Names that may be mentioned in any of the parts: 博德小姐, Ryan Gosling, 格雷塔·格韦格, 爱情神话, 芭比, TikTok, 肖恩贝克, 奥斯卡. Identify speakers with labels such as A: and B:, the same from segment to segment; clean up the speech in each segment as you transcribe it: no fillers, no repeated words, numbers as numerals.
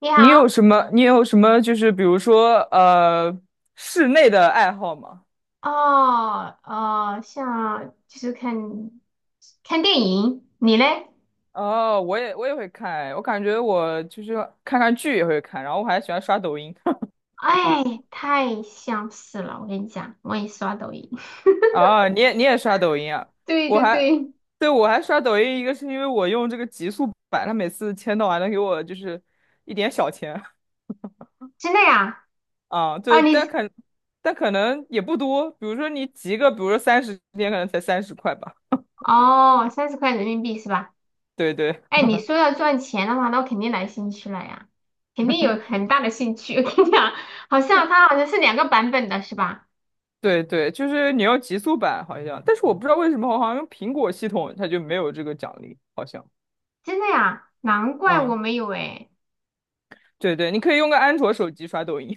A: 你
B: 你
A: 好。
B: 有什么？你有什么？就是比如说，室内的爱好吗？
A: 哦，哦，像就是看看电影，你嘞？
B: 哦，我也会看，我感觉我就是看看剧也会看，然后我还喜欢刷抖音。
A: 哎，太相似了，我跟你讲，我也刷抖音。
B: 啊，你也刷抖音啊？
A: 对
B: 我
A: 对
B: 还，
A: 对。
B: 对，我还刷抖音，一个是因为我用这个极速版，它每次签到还能给我就是一点小钱。
A: 真的呀？
B: 啊，
A: 啊，
B: 对，但
A: 你
B: 可但可能也不多，比如说你集个，比如说30天，可能才30块吧。
A: 哦，三十块人民币是吧？
B: 对对。
A: 哎，你说要赚钱的话，那我肯定来兴趣了呀，肯定有很大的兴趣。我跟你讲，好像它好像是两个版本的是吧？
B: 对对，就是你要极速版好像，但是我不知道为什么，好像用苹果系统它就没有这个奖励，好像。
A: 真的呀？难怪我
B: 嗯，
A: 没有哎。
B: 对对，你可以用个安卓手机刷抖音。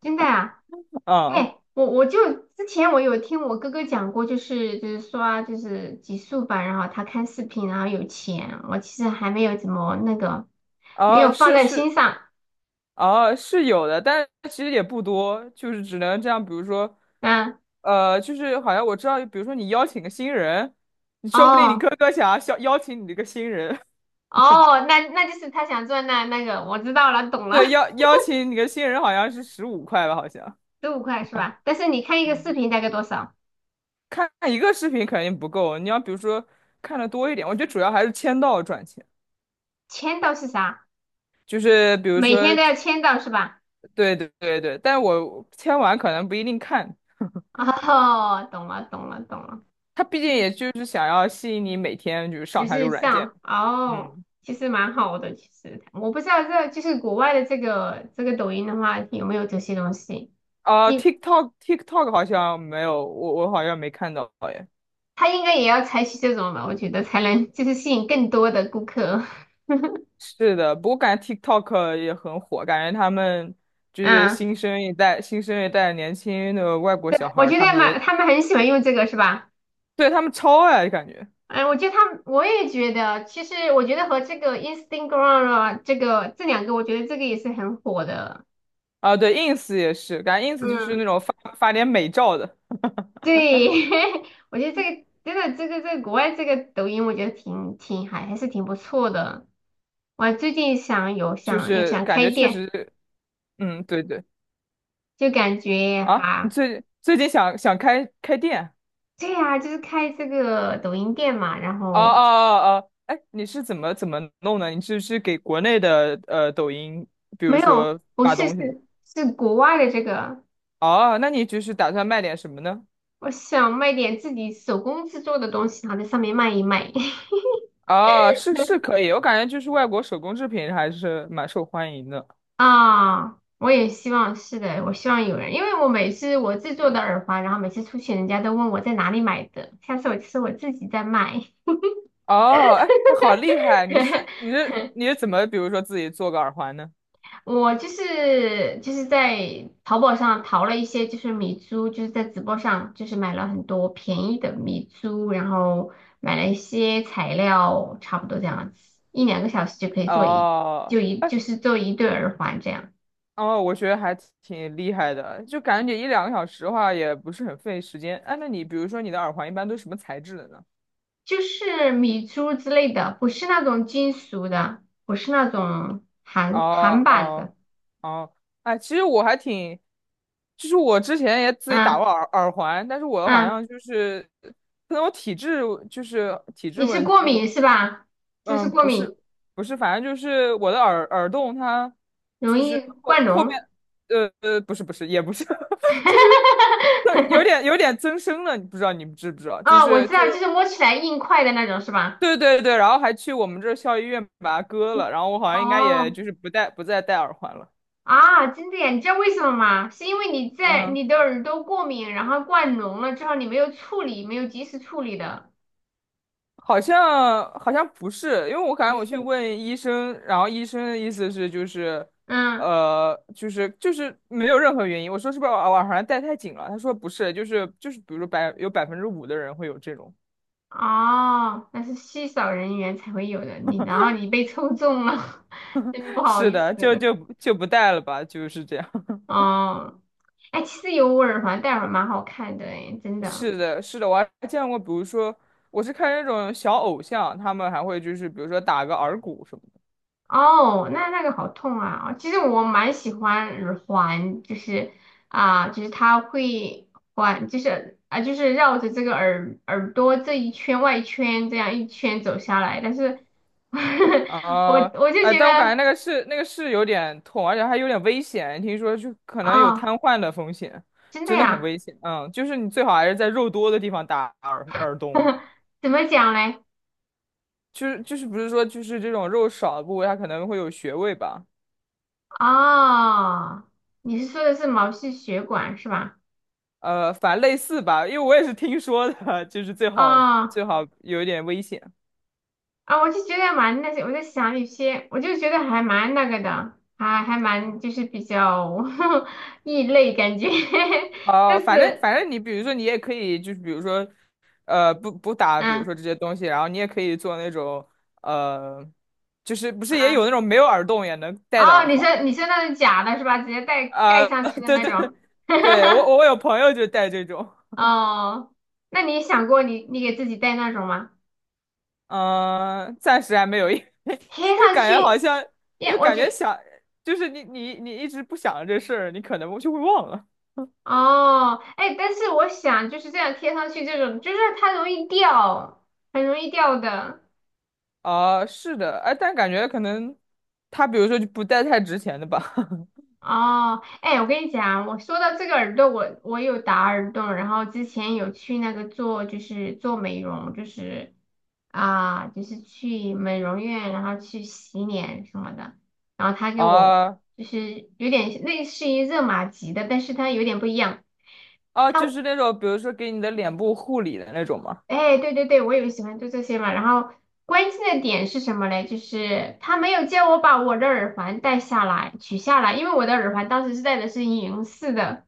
A: 真的呀？
B: 啊
A: 哎，我就之前我有听我哥哥讲过，就是刷就是极速吧，然后他看视频，然后有钱，我其实还没有怎么那个，没
B: 啊，
A: 有放
B: 是
A: 在
B: 是。
A: 心上。
B: 啊，是有的，但其实也不多，就是只能这样，比如说，
A: 嗯。
B: 就是好像我知道，比如说你邀请个新人，你说不定你
A: 哦
B: 哥哥想要邀请你这个新人。
A: 哦，那那就是他想赚那那个，我知道了，懂 了。
B: 对，邀请你个新人好像是15块吧，好像。
A: 十五块是吧？但是你看一个视频大概多少？
B: 看一个视频肯定不够，你要比如说看的多一点，我觉得主要还是签到赚钱，
A: 签到是啥？
B: 就是比如
A: 每天
B: 说，
A: 都要签到是吧？
B: 对对对对，但我签完可能不一定看，
A: 哦，懂了懂了懂了。
B: 他毕竟也就是想要吸引你每天就是
A: 就
B: 上他这个
A: 是
B: 软件。
A: 像哦，
B: 嗯，
A: 其实蛮好的。其实我不知道这就是国外的这个抖音的话有没有这些东西。
B: 啊
A: 你
B: t i k t o k TikTok 好像没有，我好像没看到耶。
A: 他应该也要采取这种吧，我觉得才能就是吸引更多的顾客。
B: 是的，不过感觉 TikTok 也很火，感觉他们就是
A: 嗯，
B: 新生一代年轻的外国
A: 对，
B: 小孩
A: 我
B: 儿
A: 觉
B: 他
A: 得
B: 们
A: 蛮
B: 也
A: 他们很喜欢用这个是吧？
B: 对，他们超爱，感觉。
A: 哎，我觉得他们我也觉得，其实我觉得和这个 Instagram 啊，这个这两个，我觉得这个也是很火的。
B: 啊，对，ins 也是，感觉 ins 就是
A: 嗯。
B: 那种发点美照的，
A: 对。我觉得这个真的，这个在国外这个抖音，我觉得挺挺还还是挺不错的。我最近想有
B: 就
A: 想有
B: 是
A: 想
B: 感
A: 开
B: 觉确
A: 店，
B: 实，嗯，对对。
A: 就感觉
B: 啊，你
A: 哈，
B: 最近想开店？
A: 对呀、就是开这个抖音店嘛。然
B: 哦哦
A: 后
B: 哦哦，哎，你是怎么弄的？你是给国内的抖音，比
A: 没
B: 如
A: 有，
B: 说
A: 不
B: 发
A: 是
B: 东西吗？
A: 是是国外的这个。
B: 哦，那你就是打算卖点什么呢？
A: 我想卖点自己手工制作的东西，然后在上面卖一卖。
B: 哦，是是可以，我感觉就是外国手工制品还是蛮受欢迎的。
A: 啊，我也希望是的，我希望有人，因为我每次我制作的耳环，然后每次出去人家都问我在哪里买的，下次我就是我自己在卖。
B: 哦，哎，那好厉害！你是你 是你是怎么，比如说自己做个耳环呢？
A: 我就是在淘宝上淘了一些就是米珠，就是在直播上就是买了很多便宜的米珠，然后买了一些材料，差不多这样子，一两个小时就可以做一
B: 哦。
A: 就一就是做一对耳环这样。
B: 哦，我觉得还挺厉害的，就感觉一两个小时的话也不是很费时间。哎，那你比如说你的耳环一般都是什么材质的呢？
A: 就是米珠之类的，不是那种金属的，不是那种韩韩
B: 哦
A: 版
B: 哦
A: 的。
B: 哦，哎，其实我还挺，就是我之前也自己打
A: 嗯
B: 过耳环，但是我好
A: 嗯，
B: 像就是可能我体质就是体
A: 你
B: 质
A: 是
B: 问
A: 过
B: 题，我
A: 敏是吧？是不是
B: 嗯
A: 过
B: 不是
A: 敏？
B: 不是，反正就是我的耳洞它
A: 容
B: 就
A: 易
B: 是后
A: 灌
B: 后面
A: 脓？
B: 不是不是也不是。有点 有点增生了，你知不知道？就
A: 哦，我
B: 是
A: 知
B: 就
A: 道，就是摸起来硬块的那种是吧？
B: 对对对，然后还去我们这儿校医院把它割了，然后我好像应该也
A: 哦
B: 就是不戴不再戴耳环了。
A: 啊，真的呀？你知道为什么吗？是因为你在
B: 嗯，
A: 你的耳朵过敏，然后灌脓了之后，你没有处理，没有及时处理的。
B: 好像不是，因为我感
A: 不
B: 觉我去
A: 是。
B: 问医生，然后医生的意思是就是，
A: 嗯。
B: 就是没有任何原因。我说是不是我耳环戴太紧了？他说不是，就是比如说有5%的人会有这种。
A: 哦，那是稀少人员才会有的，你然后你被抽中了，真不 好
B: 是
A: 意
B: 的，就
A: 思。
B: 就就不戴了吧，就是这样。
A: 哦，哎，其实有耳环戴耳蛮好看的，哎，真 的。
B: 是的，是的，我还见过，比如说我是看那种小偶像，他们还会就是比如说打个耳骨什么。
A: 哦，那那个好痛啊！其实我蛮喜欢耳环，就是啊、就是它会环，就是啊、就是绕着这个耳耳朵这一圈外圈这样一圈走下来，但是 我
B: 啊，
A: 我就
B: 哎，
A: 觉
B: 但我感
A: 得
B: 觉那个是有点痛，而且还有点危险，听说就可能有
A: 哦。
B: 瘫痪的风险，
A: 真的
B: 真的很
A: 呀？
B: 危险。嗯，就是你最好还是在肉多的地方打耳洞，
A: 怎么讲嘞？
B: 就是不是说就是这种肉少的部位，它可能会有穴位吧，
A: 哦，你说的是毛细血管是吧？
B: 反正类似吧，因为我也是听说的，就是最好
A: 哦。
B: 最好有一点危险。
A: 啊，我就觉得蛮那些，我在想有些，我就觉得还蛮那个的，还还蛮就是比较 异类感觉。
B: 哦，
A: 但
B: 反正
A: 是，
B: 反正你比如说你也可以就是比如说，不打，比如
A: 嗯
B: 说这些东西，然后你也可以做那种呃，就是不是也有那
A: 嗯，
B: 种没有耳洞也能戴的
A: 哦，
B: 耳
A: 你
B: 环
A: 说你说那种假的是吧？直接盖盖
B: 啊？
A: 上去 的
B: 对
A: 那
B: 对对，
A: 种。
B: 对 我有朋友就戴这种。
A: 哦，那你想过你你给自己戴那种吗？
B: 嗯、暂时还没有，因为
A: 贴
B: 因为
A: 上
B: 感觉好
A: 去，
B: 像，因
A: 耶，
B: 为
A: 我
B: 感觉
A: 觉
B: 想就是你一直不想这事儿，你可能就会忘了。
A: 哦。哎，但是我想就是这样贴上去，这种就是它容易掉，很容易掉的。
B: 啊、是的，哎，但感觉可能他比如说就不戴太值钱的吧。
A: 哦，哎，我跟你讲，我说到这个耳朵，我有打耳洞，然后之前有去那个做，就是做美容，就是啊，就是去美容院，然后去洗脸什么的，然后他 给我
B: 啊，
A: 就是有点类似于热玛吉的，但是它有点不一样。
B: 哦，就
A: 它。
B: 是那种，比如说给你的脸部护理的那种吗？
A: 哎，对对对，我也喜欢就这些嘛。然后关键的点是什么嘞？就是他没有叫我把我的耳环戴下来、取下来，因为我的耳环当时是戴的是银色的，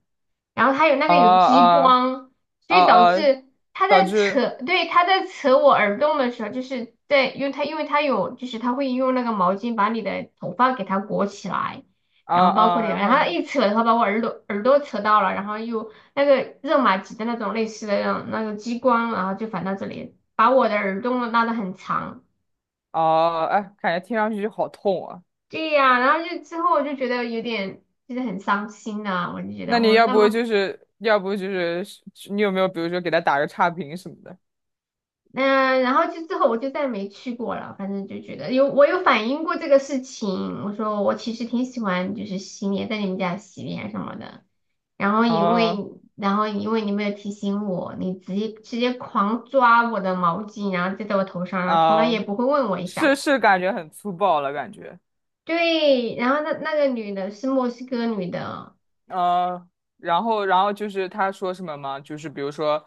A: 然后他有那
B: 啊
A: 个有激
B: 啊
A: 光，所
B: 啊
A: 以导
B: 啊，
A: 致他
B: 导
A: 在
B: 致
A: 扯，对，他在扯我耳洞的时候，就是在用他，因为他有，就是他会用那个毛巾把你的头发给它裹起来，
B: 啊
A: 然后包括你
B: 啊，
A: 的
B: 然
A: 然
B: 后
A: 后
B: 呢？
A: 一扯的话把我耳朵扯到了，然后又。那个热玛吉的那种类似的那种那个激光，然后就反到这里，把我的耳洞拉得很长。
B: 啊，哎，感觉听上去就好痛啊。
A: 对呀、然后就之后我就觉得有点就是很伤心啊，我就觉
B: 那
A: 得
B: 你
A: 我
B: 要
A: 那
B: 不
A: 么
B: 就是，你有没有比如说给他打个差评什么的？
A: 然后就之后我就再没去过了，反正就觉得有我有反映过这个事情，我说我其实挺喜欢就是洗脸，在你们家洗脸什么的。然后因为
B: 啊，
A: 然后因为你没有提醒我，你直接狂抓我的毛巾，然后就在我头上，从来
B: 啊，
A: 也不会问我一
B: 是
A: 下。
B: 是，感觉很粗暴了，感觉。
A: 对，然后那那个女的是墨西哥女的。
B: 呃，然后就是他说什么吗？就是比如说，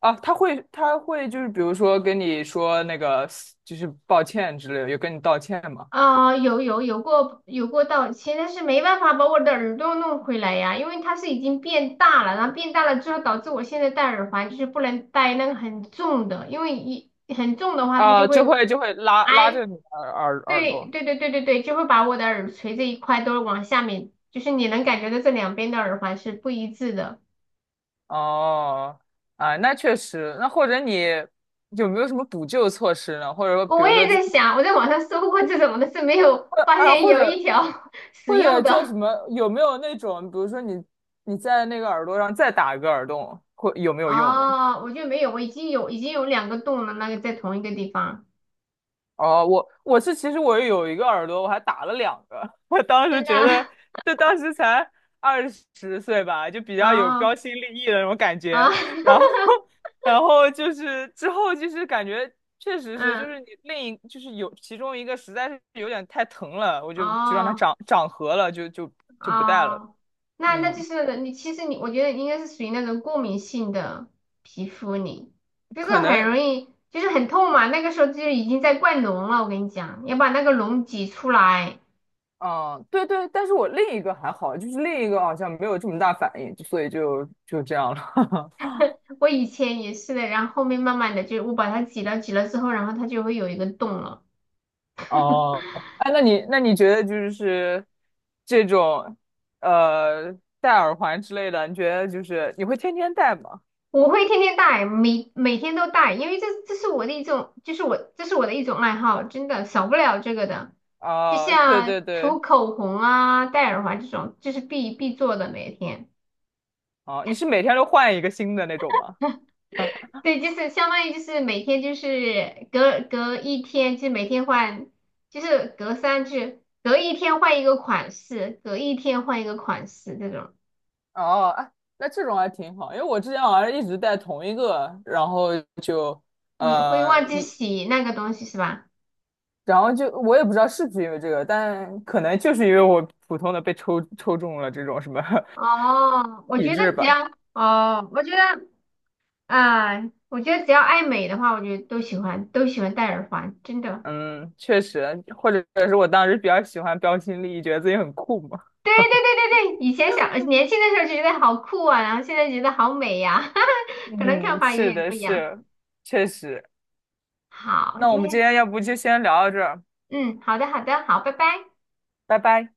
B: 啊，他会就是比如说跟你说那个就是抱歉之类的，有跟你道歉吗？
A: 啊、有过道歉，但是没办法把我的耳朵弄回来呀，因为它是已经变大了，然后变大了之后导致我现在戴耳环就是不能戴那个很重的，因为一很重的话它就
B: 啊，
A: 会。
B: 就会拉拉
A: 哎，
B: 着你的耳耳耳
A: 对
B: 朵。
A: 对对对对对，就会把我的耳垂这一块都往下面，就是你能感觉到这两边的耳环是不一致的。
B: 哦，啊，那确实。那或者你有没有什么补救措施呢？或者说，比
A: 我
B: 如说
A: 也在想，我在网上搜过这种，的，是没有
B: 或
A: 发
B: 啊，
A: 现
B: 或
A: 有
B: 者
A: 一条 使
B: 或者
A: 用
B: 叫什
A: 的。
B: 么？有没有那种，比如说你在那个耳朵上再打一个耳洞，会有没有用呢？
A: 啊，我就没有，我已经有两个洞了，那个在同一个地方。
B: 哦，我我是其实我有一个耳朵，我还打了两个。我当时
A: 真的
B: 觉得，就当时才20岁吧，就比较有
A: 哦
B: 标新立异的那种感
A: 啊。
B: 觉。然后，然后就是之后就是感觉确 实是，就
A: 嗯
B: 是你就是有其中一个实在是有点太疼了，我就让它
A: 哦
B: 长合了，就不戴了。
A: 哦，那那就
B: 嗯，
A: 是你其实你我觉得应该是属于那种过敏性的皮肤你，就是
B: 可
A: 很容
B: 能。
A: 易就是很痛嘛，那个时候就已经在灌脓了，我跟你讲，要把那个脓挤出来。
B: 嗯，对对，但是我另一个还好，就是另一个好像没有这么大反应，就所以就这样了。
A: 我以前也是的，然后后面慢慢的就我把它挤了之后，然后它就会有一个洞了。
B: 哦，哎，那你觉得就是这种呃戴耳环之类的，你觉得就是你会天天戴吗？
A: 我会天天戴，每每天都戴，因为这是我的一种，就是我这是我的一种爱好，真的少不了这个的。就
B: 啊，对
A: 像
B: 对对，
A: 涂口红啊、戴耳环这种，就是必必做的每天。
B: 哦，你是每天都换一个新的那种吗？
A: 对，就是相当于就是每天就是隔隔一天，就是每天换，就是隔三就是隔一天换一个款式，隔一天换一个款式这种。
B: 哦，哎，那这种还挺好，因为我之前好像一直戴同一个，然后就
A: 你会
B: 呃
A: 忘记
B: 一，
A: 洗那个东西是吧？
B: 然后就我也不知道是不是因为这个，但可能就是因为我普通的被抽中了这种什么
A: 哦，我
B: 体
A: 觉得
B: 质
A: 只
B: 吧。
A: 要哦，我觉得啊、我觉得只要爱美的话，我觉得都喜欢戴耳环，真的。
B: 嗯，确实，或者是我当时比较喜欢标新立异，觉得自己很酷嘛。
A: 对对对对对，以前小年轻的时候就觉得好酷啊，然后现在觉得好美呀、可能看
B: 嗯，
A: 法有
B: 是
A: 点
B: 的，
A: 不一样。
B: 是，确实。
A: 好，
B: 那我
A: 今
B: 们
A: 天
B: 今天要不就先聊到这儿，
A: 嗯，好的好的，好，拜拜。
B: 拜拜。